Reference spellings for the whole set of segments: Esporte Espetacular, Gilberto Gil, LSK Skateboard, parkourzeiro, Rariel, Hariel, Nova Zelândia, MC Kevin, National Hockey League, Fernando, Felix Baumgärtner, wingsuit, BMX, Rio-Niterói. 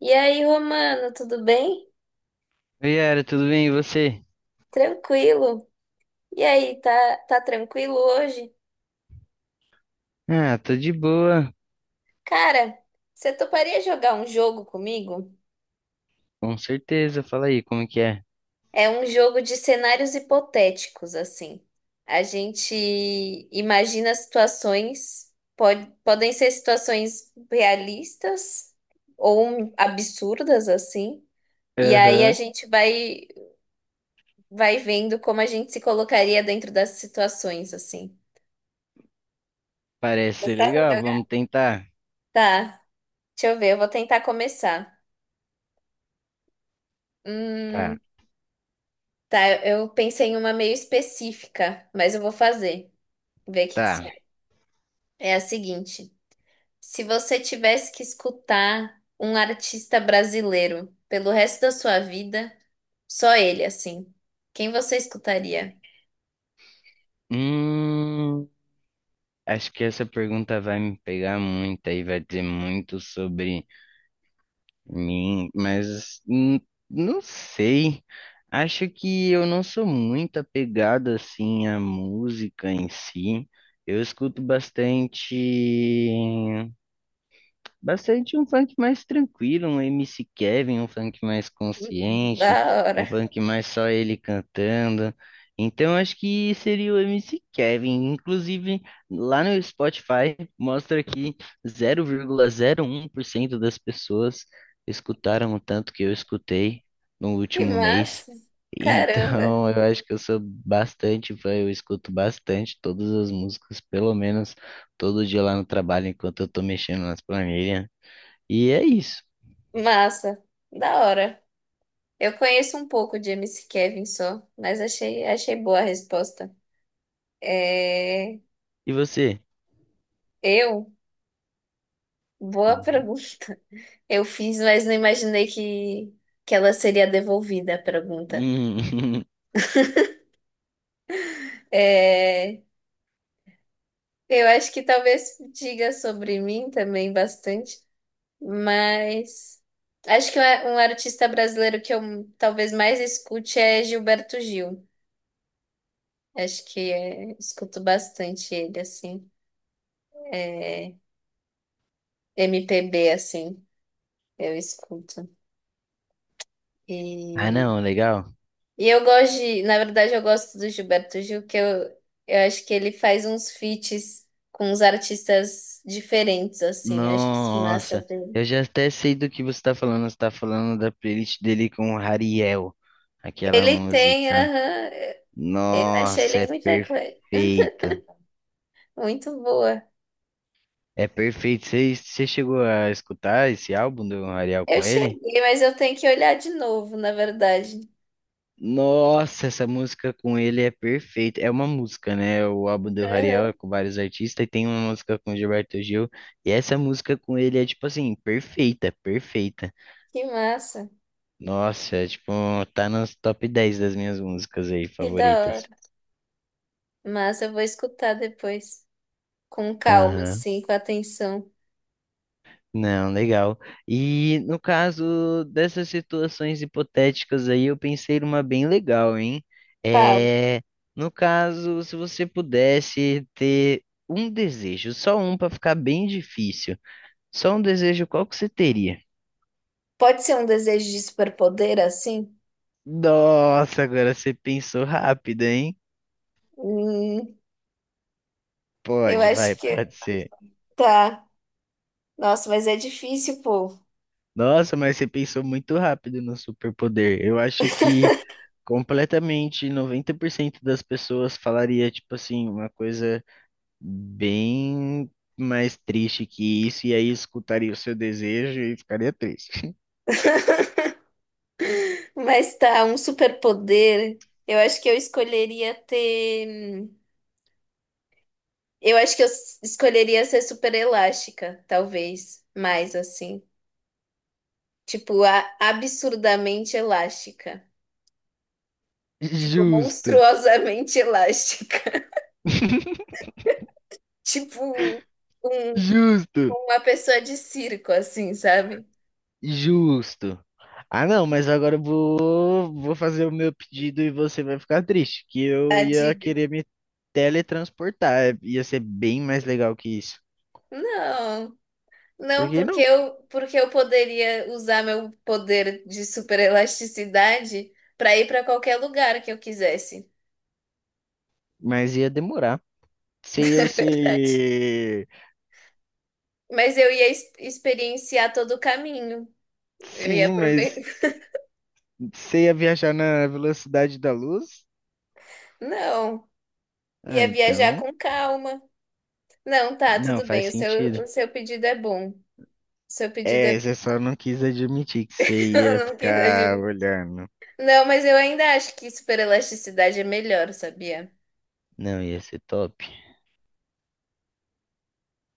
E aí, Romano, tudo bem? Oi, Yara, tudo bem? E você? Tranquilo. E aí, tá tranquilo hoje? Ah, tô de boa, Cara, você toparia jogar um jogo comigo? com certeza. Fala aí, como que é? É um jogo de cenários hipotéticos, assim. A gente imagina situações, podem ser situações realistas ou absurdas, assim. E aí a Aham, gente vai vendo como a gente se colocaria dentro das situações, assim. parece Você ser sabe legal, jogar? vamos tentar. Tá. Deixa eu ver, eu vou tentar começar. Tá, Hum, tá, eu pensei em uma meio específica, mas eu vou fazer. Ver o que que você tá. acha. É a seguinte: se você tivesse que escutar um artista brasileiro pelo resto da sua vida, só ele, assim, quem você escutaria? Hum, Acho que essa pergunta vai me pegar muito aí, vai dizer muito sobre mim, mas não sei. Acho que eu não sou muito apegado assim à música em si. Eu escuto bastante. Bastante um funk mais tranquilo, um MC Kevin, um funk mais Da consciente, hora. um funk mais só ele cantando. Então acho que seria o MC Kevin. Inclusive, lá no Spotify mostra que 0,01% das pessoas escutaram o tanto que eu escutei no Que último mês. massa. Caramba. Então, eu acho que eu sou bastante fã, eu escuto bastante todas as músicas, pelo menos todo dia lá no trabalho, enquanto eu tô mexendo nas planilhas. E é isso. Massa. Da hora. Eu conheço um pouco de MC Kevin só, mas achei boa a resposta. É... E você? Eu. Boa Uhum. pergunta. Eu fiz, mas não imaginei que ela seria devolvida, a pergunta. Hum. É, eu acho que talvez diga sobre mim também bastante, mas acho que um artista brasileiro que eu talvez mais escute é Gilberto Gil. Acho que é, escuto bastante ele, assim. É, MPB, assim, eu escuto. Ah, E não, legal. Eu gosto de, na verdade, eu gosto do Gilberto Gil, eu acho que ele faz uns feats com uns artistas diferentes, assim, acho isso massa Nossa, dele. eu já até sei do que você tá falando. Você tá falando da playlist dele com o Hariel, aquela Ele tem, música. aham, eu achei Nossa, ele é muito, perfeito. muito boa. É perfeito. Você chegou a escutar esse álbum do Hariel Eu com ele? cheguei, mas eu tenho que olhar de novo, na verdade. Nossa, essa música com ele é perfeita. É uma música, né? O álbum do Rariel é Aham, com vários artistas e tem uma música com o Gilberto Gil. E essa música com ele é tipo assim, perfeita, perfeita. que massa, Nossa, é, tipo, tá nos top 10 das minhas músicas aí que da hora. favoritas. Massa, eu vou escutar depois, com calma, Aham. assim, com atenção. Não, legal. E no caso dessas situações hipotéticas aí, eu pensei numa bem legal, hein? Fala. É, no caso, se você pudesse ter um desejo, só um para ficar bem difícil, só um desejo, qual que você teria? Pode ser um desejo de superpoder, assim? Nossa, agora você pensou rápido, hein? Hum, eu Pode, vai, acho pode que ser. tá. Nossa, mas é difícil, pô. Nossa, mas você pensou muito rápido no superpoder. Eu acho que completamente 90% das pessoas falaria, tipo assim, uma coisa bem mais triste que isso, e aí escutaria o seu desejo e ficaria triste. Mas tá, um superpoder. Eu acho que eu escolheria ter. Eu acho que escolheria ser super elástica, talvez. Mais assim. Tipo, absurdamente elástica. Tipo, Justo, monstruosamente elástica. Tipo, um- justo, uma pessoa de circo, assim, sabe? justo. Ah, não, mas agora eu vou fazer o meu pedido e você vai ficar triste, que eu A ia diga. querer me teletransportar, ia ser bem mais legal que isso. Não. Por Não, que não? Porque eu poderia usar meu poder de super elasticidade para ir para qualquer lugar que eu quisesse. Mas ia demorar. Você ia Verdade. se... Mas eu ia experienciar todo o caminho. Eu ia Sim, mas aproveitar. você ia viajar na velocidade da luz? Não, Ah, ia viajar então... com calma. Não, tá, Não, tudo faz bem. Sentido. O seu pedido é bom. O seu pedido é. É, você só não quis admitir que você ia Eu não quis ficar adivinhar. olhando. Não, mas eu ainda acho que super elasticidade é melhor, sabia? Não, ia ser top.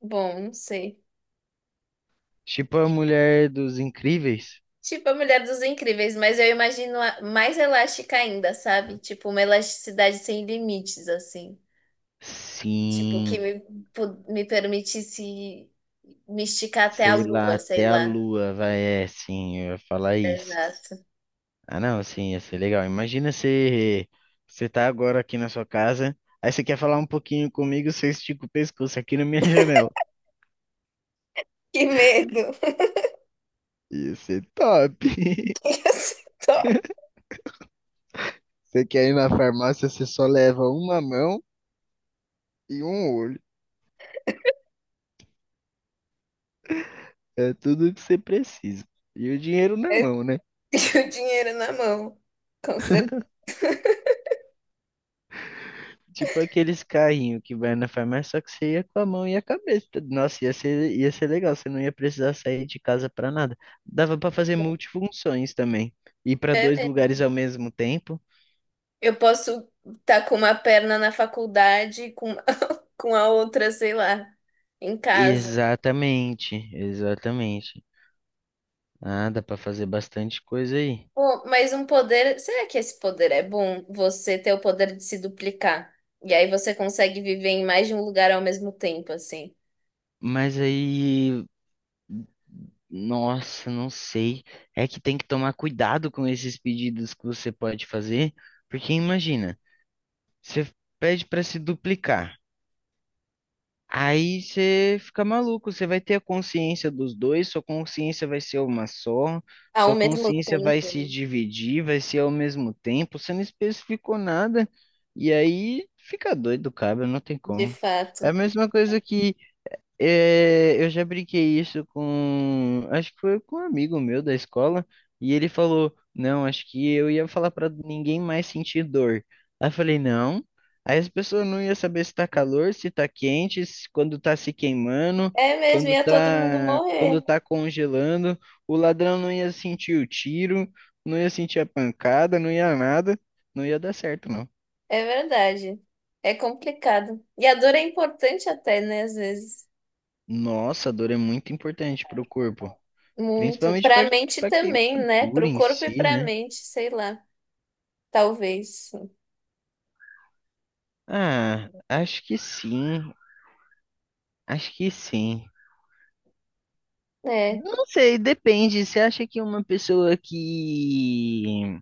Bom, não sei. Tipo a Mulher dos Incríveis? Tipo a Mulher dos Incríveis, mas eu imagino mais elástica ainda, sabe? Tipo, uma elasticidade sem limites, assim. Tipo, Sim, me permitisse me esticar até a sei lá, lua, sei até a lá. lua vai, é, sim, eu ia falar isso. Exato. Ah, não, sim, ia ser legal. Imagina você, você tá agora aqui na sua casa, aí você quer falar um pouquinho comigo, você estica o pescoço aqui na minha janela. Que medo. Ia ser top. Ia ser top. Você quer ir na farmácia, você só leva uma mão e um olho. É tudo que você precisa. E o dinheiro na É, mão, né? e o dinheiro na mão. Com certeza. Tipo aqueles carrinhos que vai na farmácia, só que você ia com a mão e a cabeça. Nossa, ia ser legal, você não ia precisar sair de casa pra nada. Dava pra fazer multifunções também. Ir pra É dois mesmo. lugares ao mesmo tempo. Eu posso estar com uma perna na faculdade com a outra, sei lá, em casa. Exatamente, exatamente. Ah, dá pra fazer bastante coisa aí. Pô, mas um poder. Será que esse poder é bom? Você ter o poder de se duplicar. E aí você consegue viver em mais de um lugar ao mesmo tempo, assim. Mas aí, nossa, não sei. É que tem que tomar cuidado com esses pedidos que você pode fazer, porque imagina. Você pede para se duplicar. Aí você fica maluco, você vai ter a consciência dos dois, sua consciência vai ser uma só, Ao sua mesmo consciência vai tempo, se dividir, vai ser ao mesmo tempo, você não especificou nada, e aí fica doido, cara, não tem de como. É fato. a mesma coisa que é, eu já brinquei isso com, acho que foi com um amigo meu da escola, e ele falou: não, acho que eu ia falar pra ninguém mais sentir dor. Aí eu falei: não. Aí as pessoas não iam saber se tá calor, se tá quente, quando tá se queimando, É mesmo, quando ia todo mundo tá, morrer. quando tá congelando. O ladrão não ia sentir o tiro, não ia sentir a pancada, não ia nada, não ia dar certo, não. É verdade. É complicado. E a dor é importante até, né? Às vezes. Nossa, a dor é muito importante pro corpo. Muito. Principalmente Pra para mente para também, né? queimadura Pro em corpo e si, pra né? mente, sei lá. Talvez. Ah, acho que sim. Acho que sim. É. Não sei, depende. Você acha que uma pessoa que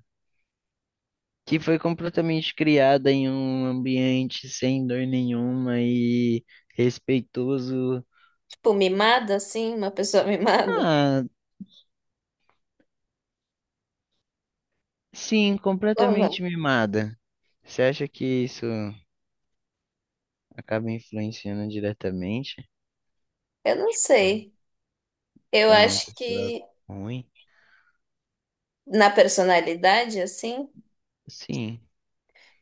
que foi completamente criada em um ambiente sem dor nenhuma e respeitoso, Tipo, mimada, assim, uma pessoa mimada. ah, sim, Ou não? completamente mimada. Você acha que isso acaba influenciando diretamente, Eu não tipo, sei. Eu para uma acho pessoa que ruim? na personalidade, assim? Sim.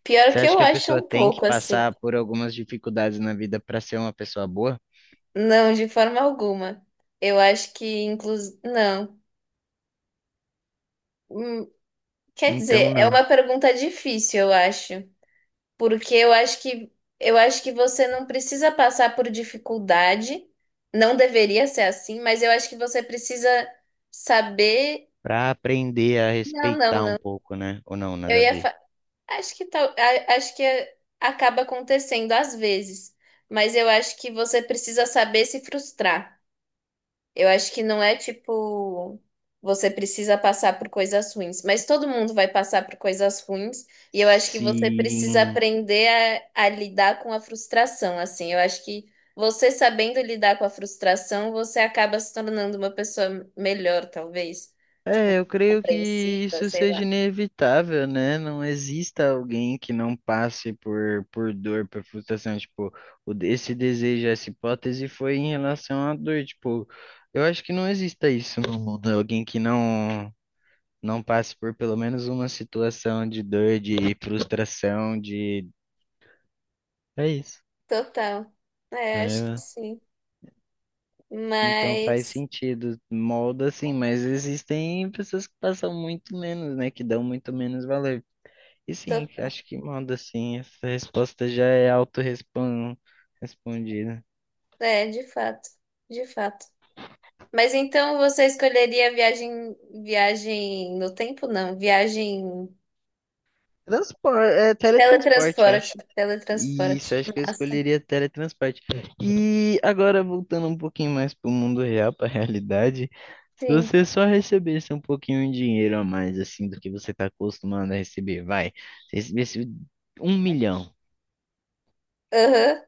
Pior Você que acha eu que a acho pessoa um tem que pouco assim. passar por algumas dificuldades na vida para ser uma pessoa boa? Não, de forma alguma. Eu acho que, inclusive. Não. Hum, quer Então dizer, é não. uma pergunta difícil, eu acho. Porque eu acho que você não precisa passar por dificuldade. Não deveria ser assim, mas eu acho que você precisa saber. Para aprender a respeitar um Não. pouco, né? Ou não, Eu nada a ia, ver. fa- acho que tal, acho que acaba acontecendo às vezes, mas eu acho que você precisa saber se frustrar. Eu acho que não é tipo você precisa passar por coisas ruins, mas todo mundo vai passar por coisas ruins e eu acho que você precisa Sim. aprender a lidar com a frustração, assim. Eu acho que você sabendo lidar com a frustração, você acaba se tornando uma pessoa melhor, talvez, tipo, É, eu creio que compreensiva, isso sei seja lá. inevitável, né? Não exista alguém que não passe por dor, por frustração. Tipo, o, esse desejo, essa hipótese foi em relação à dor. Tipo, eu acho que não exista isso no mundo. Alguém que não. Não passe por pelo menos uma situação de dor, de frustração, de. É isso. Total. É, acho que É, sim. então faz Mas, sentido, molda assim, mas existem pessoas que passam muito menos, né? Que dão muito menos valor. E tô... sim, acho que molda sim, essa resposta já é autorrespondida. é, de fato. Mas então você escolheria viagem no tempo? Não, viagem Transporte, é teletransporte, acho. teletransporte, Isso, teletransporte. acho que eu Massa. escolheria teletransporte. E agora, voltando um pouquinho mais para o mundo real, para a realidade, se Sim. você só recebesse um pouquinho de dinheiro a mais, assim, do que você está acostumado a receber, vai, se recebesse 1 milhão, Aham.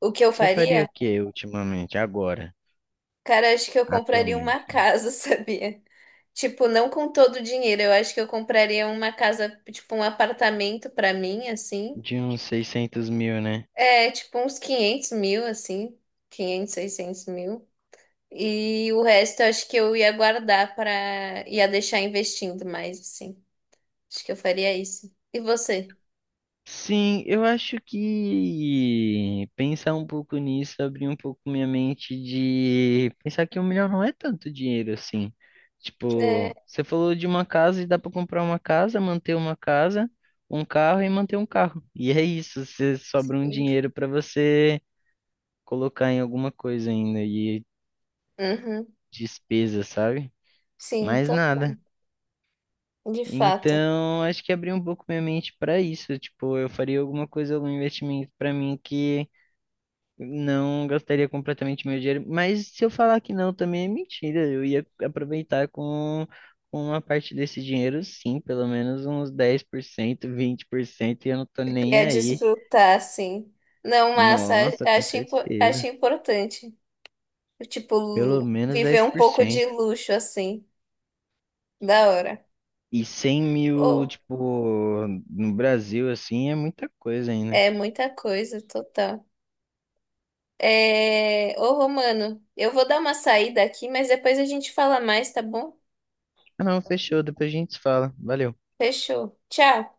O que eu você faria faria? o que ultimamente, agora, Cara, acho que eu compraria uma atualmente? casa, sabia? Tipo, não com todo o dinheiro, eu acho que eu compraria uma casa, tipo um apartamento pra mim, assim. De uns 600 mil, né? É, tipo uns 500 mil, assim. 500, 600 mil. E o resto eu acho que eu ia guardar para ia deixar investindo mais, assim. Acho que eu faria isso. E você? Sim, eu acho que pensar um pouco nisso abriu um pouco minha mente de pensar que 1 milhão não é tanto dinheiro assim. É, Tipo, você falou de uma casa e dá pra comprar uma casa, manter uma casa, um carro e manter um carro. E é isso, você sobra um sim, dinheiro pra você colocar em alguma coisa ainda e uhum. despesa, sabe? Sim, Mais nada. total. De fato. Então, acho que abriu um pouco minha mente pra isso. Tipo, eu faria alguma coisa, algum investimento pra mim que não gastaria completamente meu dinheiro, mas se eu falar que não, também é mentira. Eu ia aproveitar com uma parte desse dinheiro, sim, pelo menos uns 10%, 20%, e eu não tô nem Ia aí. desfrutar, sim. Não, massa, Nossa, com acho certeza. importante. Tipo, Pelo menos dez viver um por pouco de cento luxo, assim. Da hora. E 100 mil, Oh, tipo, no Brasil, assim, é muita coisa ainda. é muita coisa, total. É... Ô, Romano, eu vou dar uma saída aqui, mas depois a gente fala mais, tá bom? Ah, não, fechou, depois a gente se fala. Valeu. Fechou. Tchau.